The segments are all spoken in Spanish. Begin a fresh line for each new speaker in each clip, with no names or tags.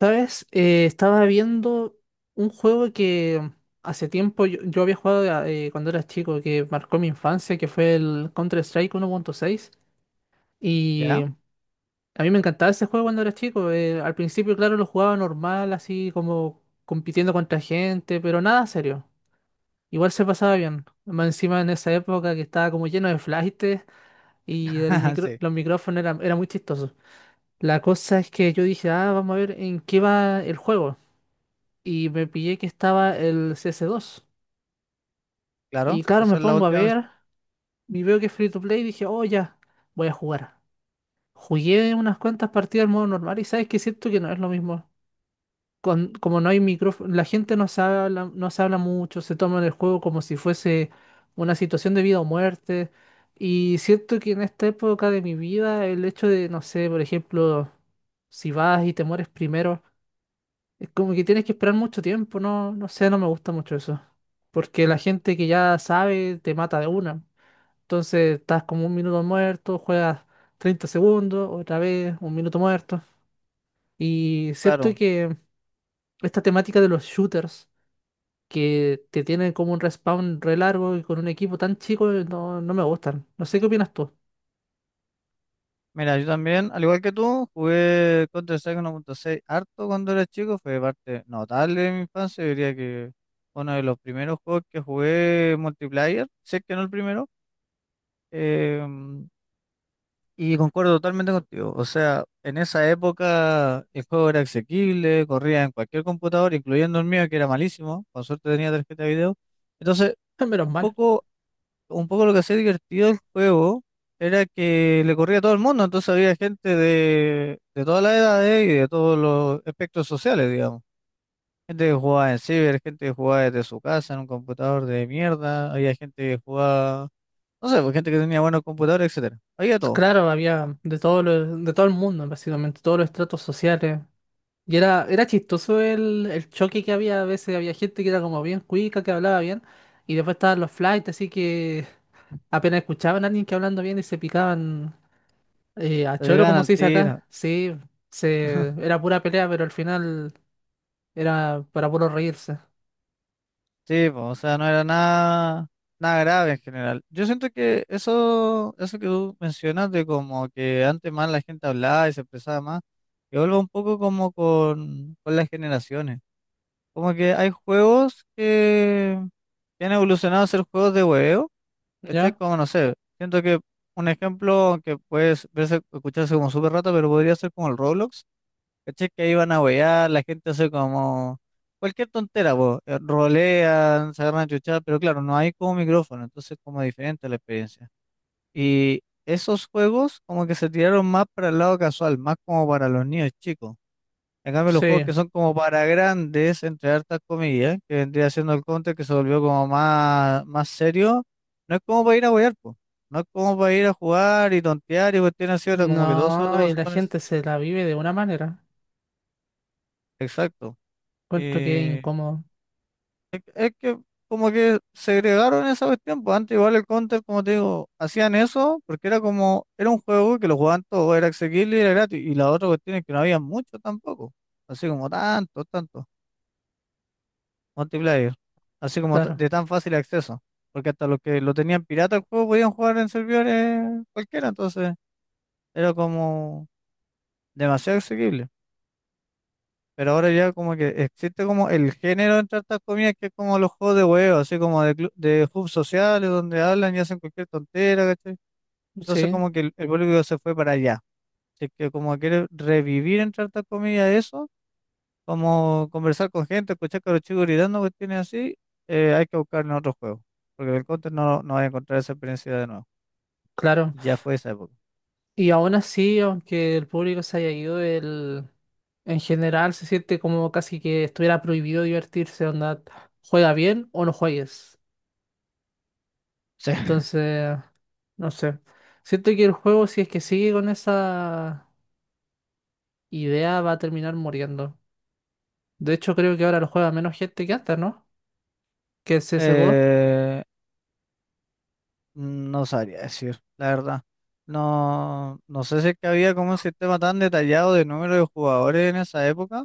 ¿Sabes? Estaba viendo un juego que hace tiempo yo había jugado cuando era chico, que marcó mi infancia, que fue el Counter-Strike 1.6. Y
¿Ya?
a mí me encantaba ese juego cuando era chico. Al principio, claro, lo jugaba normal, así como compitiendo contra gente, pero nada serio. Igual se pasaba bien. Más encima en esa época que estaba como lleno de flashtes y
Sí,
los micrófonos eran, era muy chistosos. La cosa es que yo dije, ah, vamos a ver en qué va el juego. Y me pillé que estaba el CS2.
claro.
Y claro,
Esa
me
es la
pongo a
última versión,
ver y veo que es free to play y dije, oh, ya, voy a jugar. Jugué unas cuantas partidas en modo normal y sabes que siento que no es lo mismo. Como no hay micrófono, la gente no se habla, no se habla mucho, se toma el juego como si fuese una situación de vida o muerte. Y siento que en esta época de mi vida, el hecho de, no sé, por ejemplo, si vas y te mueres primero. Es como que tienes que esperar mucho tiempo, no, no sé, no me gusta mucho eso. Porque la gente que ya sabe te mata de una. Entonces estás como un minuto muerto, juegas 30 segundos, otra vez un minuto muerto. Y siento
claro.
que esta temática de los shooters, que te tienen como un respawn re largo y con un equipo tan chico, no, no me gustan. No sé qué opinas tú.
Mira, yo también, al igual que tú, jugué Counter-Strike 1.6 harto cuando era chico. Fue parte notable de mi infancia. Yo diría que uno de los primeros juegos que jugué multiplayer, sé que no el primero. em, y concuerdo totalmente contigo. O sea, en esa época el juego era asequible, corría en cualquier computador, incluyendo el mío, que era malísimo. Con suerte tenía tarjeta de video. Entonces,
Menos
un
mal.
poco un poco lo que hacía divertido el juego era que le corría a todo el mundo, entonces había gente de todas las edades y de todos los espectros sociales, digamos. Gente que jugaba en ciber, gente que jugaba desde su casa en un computador de mierda, había gente que jugaba, no sé, pues gente que tenía buenos computadores, etcétera. Había todo.
Claro, había de todo de todo el mundo, básicamente, todos los estratos sociales. Y era chistoso el choque que había. A veces había gente que era como bien cuica, que hablaba bien. Y después estaban los flights, así que apenas escuchaban a alguien que hablando bien y se picaban a
Se
choro,
pegaban
como
al
se dice
tiro.
acá. Sí, era pura pelea, pero al final era para puro reírse.
Sí, po, o sea, no era nada, nada grave en general. Yo siento que eso que tú mencionas de como que antes más la gente hablaba y se expresaba más, que vuelve un poco como con las generaciones. Como que hay juegos que han evolucionado a ser juegos de hueveo, ¿cachai?
¿Ya?
Como no sé, siento que un ejemplo que puede verse, escucharse como súper rata, pero podría ser como el Roblox. ¿Cachai? Que ahí van a huear, la gente hace como cualquier tontera, po, rolean, se agarran a chuchar, pero claro, no hay como micrófono, entonces como diferente la experiencia. Y esos juegos como que se tiraron más para el lado casual, más como para los niños chicos. En cambio, los
Sí.
juegos que son como para grandes, entre hartas comillas, que vendría siendo el Counter, que se volvió como más, más serio, no es como para ir a huear, po. No es como para ir a jugar y tontear y cuestiones así, ahora como que todo se lo
No,
toma
y la
súper en
gente
serio.
se la vive de una manera.
Exacto.
Encuentro que es
Eh,
incómodo.
Es que como que segregaron esa cuestión, pues antes igual el Counter, como te digo, hacían eso porque era como, era un juego que lo jugaban todos, era accesible y era gratis, y la otra cuestión es que no había mucho tampoco, así como tanto, tanto, multiplayer, así como ta-
Claro.
de tan fácil acceso, porque hasta los que lo tenían pirata el juego podían jugar en servidores cualquiera, entonces era como demasiado accesible. Pero ahora ya como que existe como el género entre estas comidas que es como los juegos de huevo, así como de, clu- de hubs sociales donde hablan y hacen cualquier tontera, ¿cachai? Entonces
Sí,
como que el público se fue para allá. Así que como quiere revivir entre estas comidas eso, como conversar con gente, escuchar que los chicos gritando cuestiones así, hay que buscar en otro juego. Porque en el counter no, no va a encontrar esa experiencia de nuevo.
claro.
Ya fue esa época.
Y aún así, aunque el público se haya ido, el, en general se siente como casi que estuviera prohibido divertirse, onda, juega bien o no juegues. Entonces, no sé. Siento que el juego, si es que sigue con esa idea, va a terminar muriendo. De hecho, creo que ahora lo juega menos gente que antes, ¿no? Que el
Sí.
CSGO.
No sabría decir, la verdad. No, no sé si es que había como un sistema tan detallado de número de jugadores en esa época,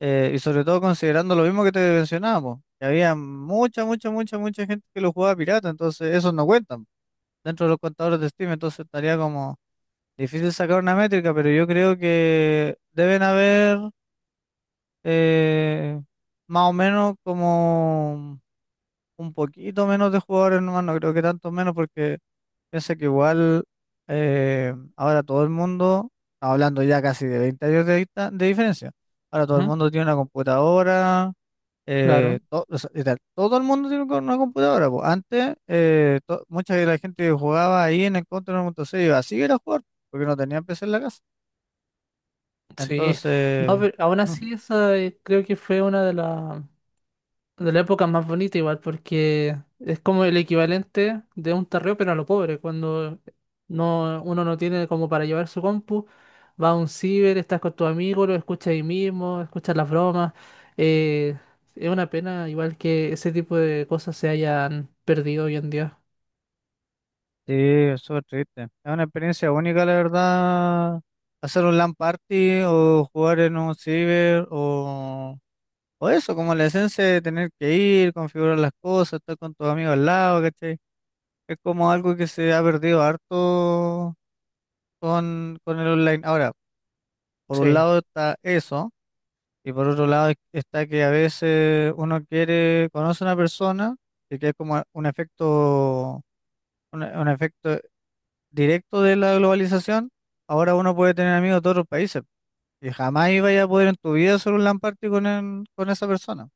y sobre todo considerando lo mismo que te mencionábamos, que había mucha, mucha, mucha, mucha gente que lo jugaba pirata, entonces esos no cuentan dentro de los contadores de Steam, entonces estaría como difícil sacar una métrica, pero yo creo que deben haber eh, más o menos como un poquito menos de jugadores nomás, no creo que tanto menos porque piensa que igual ahora todo el mundo, hablando ya casi de 20 años de, dista- de diferencia, ahora todo el
Ujú.
mundo tiene una computadora,
Claro.
to- o sea, literal, todo el mundo tiene co- una computadora, po. Antes, to- mucha de la gente que jugaba ahí en el Counter 1.6 iba así era a jugar, porque no tenían PC en la casa.
Sí. No,
Entonces,
pero aún así, esa creo que fue una de las. De la época más bonita igual, porque es como el equivalente de un tarreo, pero a lo pobre, cuando no, uno no tiene como para llevar su compu, va a un ciber, estás con tus amigos, lo escuchas ahí mismo, escuchas las bromas. eh, es una pena igual que ese tipo de cosas se hayan perdido hoy en día.
sí, es súper triste. Es una experiencia única, la verdad, hacer un LAN party o jugar en un ciber o... O eso, como la esencia de tener que ir, configurar las cosas, estar con tus amigos al lado, ¿cachai? Es como algo que se ha perdido harto con el online. Ahora, por un
Sí,
lado está eso, y por otro lado es- está que a veces uno quiere, conoce a una persona, y que es como un efecto, un efecto directo de la globalización. Ahora uno puede tener amigos de otros países, y jamás iba a poder en tu vida hacer un LAN party con, el- con esa persona.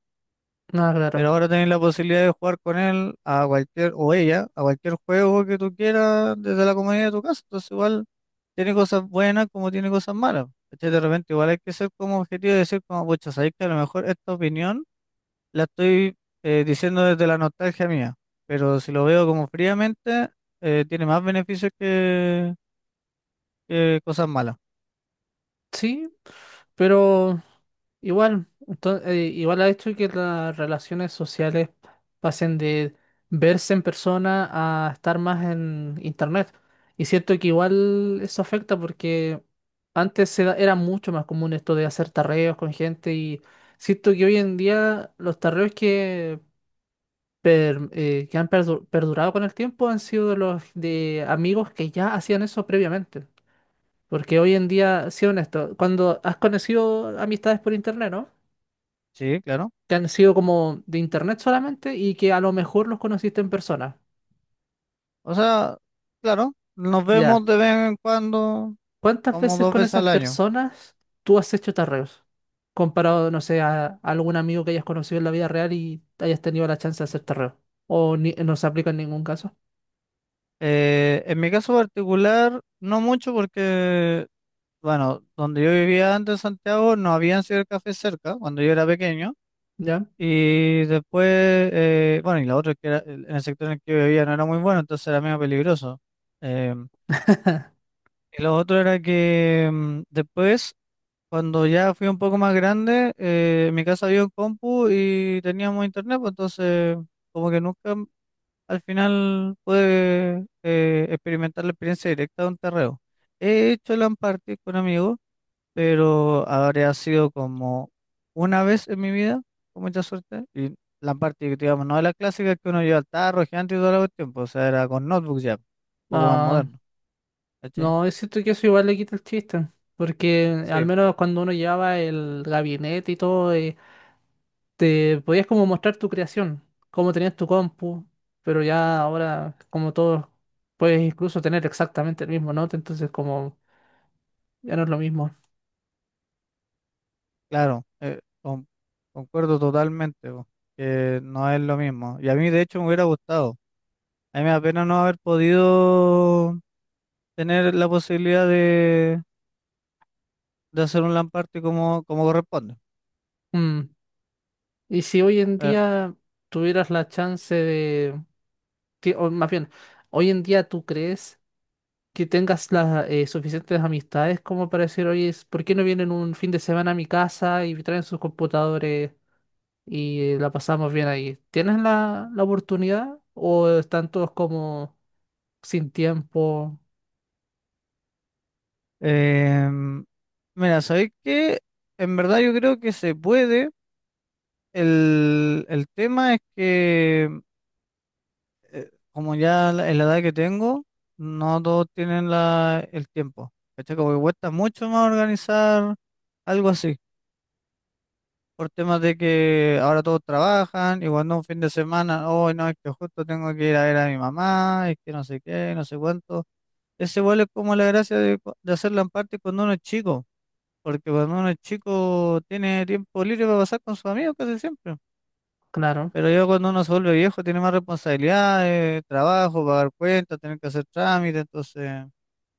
nada,
Pero
claro.
ahora tenés la posibilidad de jugar con él a cualquier, o ella, a cualquier juego que tú quieras desde la comodidad de tu casa. Entonces igual tiene cosas buenas como tiene cosas malas. ¿Cachai? De repente igual hay que ser como objetivo y decir como, pucha, sabéis que a lo mejor esta opinión la estoy diciendo desde la nostalgia mía. Pero si lo veo como fríamente, tiene más beneficios que cosas malas.
Sí, pero igual, igual ha hecho que las relaciones sociales pasen de verse en persona a estar más en internet. Y siento que igual eso afecta porque antes era mucho más común esto de hacer tarreos con gente y siento que hoy en día los tarreos que, que han perdurado con el tiempo han sido de los de amigos que ya hacían eso previamente. Porque hoy en día, sí honesto, cuando has conocido amistades por internet, ¿no?
Sí, claro.
Que han sido como de internet solamente y que a lo mejor los conociste en persona.
O sea, claro, nos
Ya.
vemos de vez en cuando,
¿Cuántas
como
veces
dos
con
veces
esas
al año.
personas tú has hecho tarreos? Comparado, no sé, a algún amigo que hayas conocido en la vida real y hayas tenido la chance de hacer tarreo. O no se aplica en ningún caso.
En mi caso particular, no mucho porque, bueno, donde yo vivía antes en Santiago no habían cibercafés cerca cuando yo era pequeño.
¿Ya?
Y después, bueno, y la otra es que era- en el sector en el que yo vivía no era muy bueno, entonces era medio peligroso. Eh, y lo otro era que después, cuando ya fui un poco más grande, en mi casa había un compu y teníamos internet, pues entonces como que nunca al final pude experimentar la experiencia directa de un terreo. He hecho LAN party con amigos, pero habría sido como una vez en mi vida, con mucha suerte. Y LAN party, digamos, no de las clásicas que uno lleva al tarro, gigante y todo el tiempo o sea, era con notebook ya, un poco más
Ah,
moderno, ¿cachai?
no, es cierto que eso igual le quita el chiste. Porque al
Sí,
menos cuando uno llevaba el gabinete y todo, te podías como mostrar tu creación, cómo tenías tu compu, pero ya ahora como todos puedes incluso tener exactamente el mismo note, entonces como ya no es lo mismo.
claro, con- concuerdo totalmente, po, que no es lo mismo. Y a mí, de hecho, me hubiera gustado. A mí me da pena no haber podido tener la posibilidad de hacer un lamparte como, como corresponde.
Mm. Y si hoy en
¿Verdad?
día tuvieras la chance de, o más bien, hoy en día tú crees que tengas las suficientes amistades como para decir, oye, ¿por qué no vienen un fin de semana a mi casa y traen sus computadores? Y la pasamos bien ahí. ¿Tienes la oportunidad o están todos como sin tiempo,
Em, mira, ¿sabéis qué? En verdad yo creo que se puede. El tema es que, como ya la- en la edad que tengo, no todos tienen la, el tiempo. ¿Cachai? Como que cuesta mucho más organizar algo así. Por temas de que ahora todos trabajan y cuando un fin de semana, hoy no, es que justo tengo que ir a ver a mi mamá, es que no sé qué, no sé cuánto. Ese igual es como la gracia de, cu- de hacerla en parte cuando uno es chico, porque cuando uno es chico tiene tiempo libre para pasar con sus amigos casi siempre.
claro.
Pero ya cuando uno se vuelve viejo tiene más responsabilidades, trabajo, pagar cuentas, tener que hacer trámites, entonces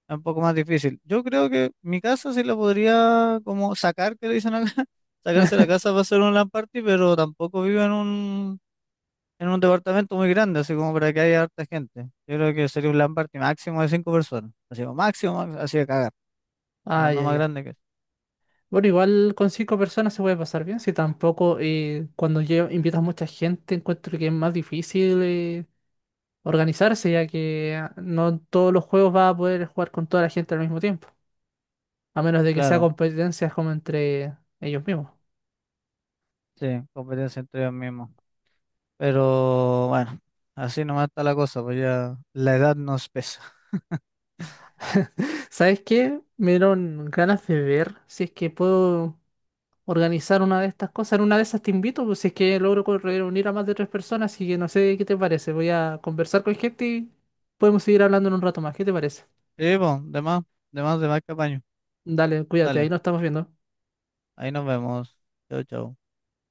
es un poco más difícil. Yo creo que mi casa sí la podría como sacar, que le dicen acá, sacarse la casa para hacer un LAN party, pero tampoco vivo en un departamento muy grande, así como para que haya harta gente. Yo creo que sería un LAN party máximo de 5 personas, así como máximo, máximo, así de cagar.
Ah,
Pero no
ya,
más
ya.
grande que...
Bueno, igual con cinco personas se puede pasar bien, si tampoco cuando invitas mucha gente encuentro que es más difícil organizarse, ya que ah, no todos los juegos vas a poder jugar con toda la gente al mismo tiempo, a menos de que sea
Claro,
competencias como entre ellos mismos.
sí, competencia entre ellos mismos. Pero bueno, así nomás está la cosa, pues ya la edad nos pesa.
¿Sabes qué? Me dieron ganas de ver si es que puedo organizar una de estas cosas. En una de esas te invito, pues si es que logro reunir a más de tres personas, así que no sé qué te parece. Voy a conversar con gente y podemos seguir hablando en un rato más. ¿Qué te parece?
Sí, pues, de más, de más, de más que apaño.
Dale, cuídate, ahí
Dale,
nos estamos viendo.
ahí nos vemos. Chau, chau.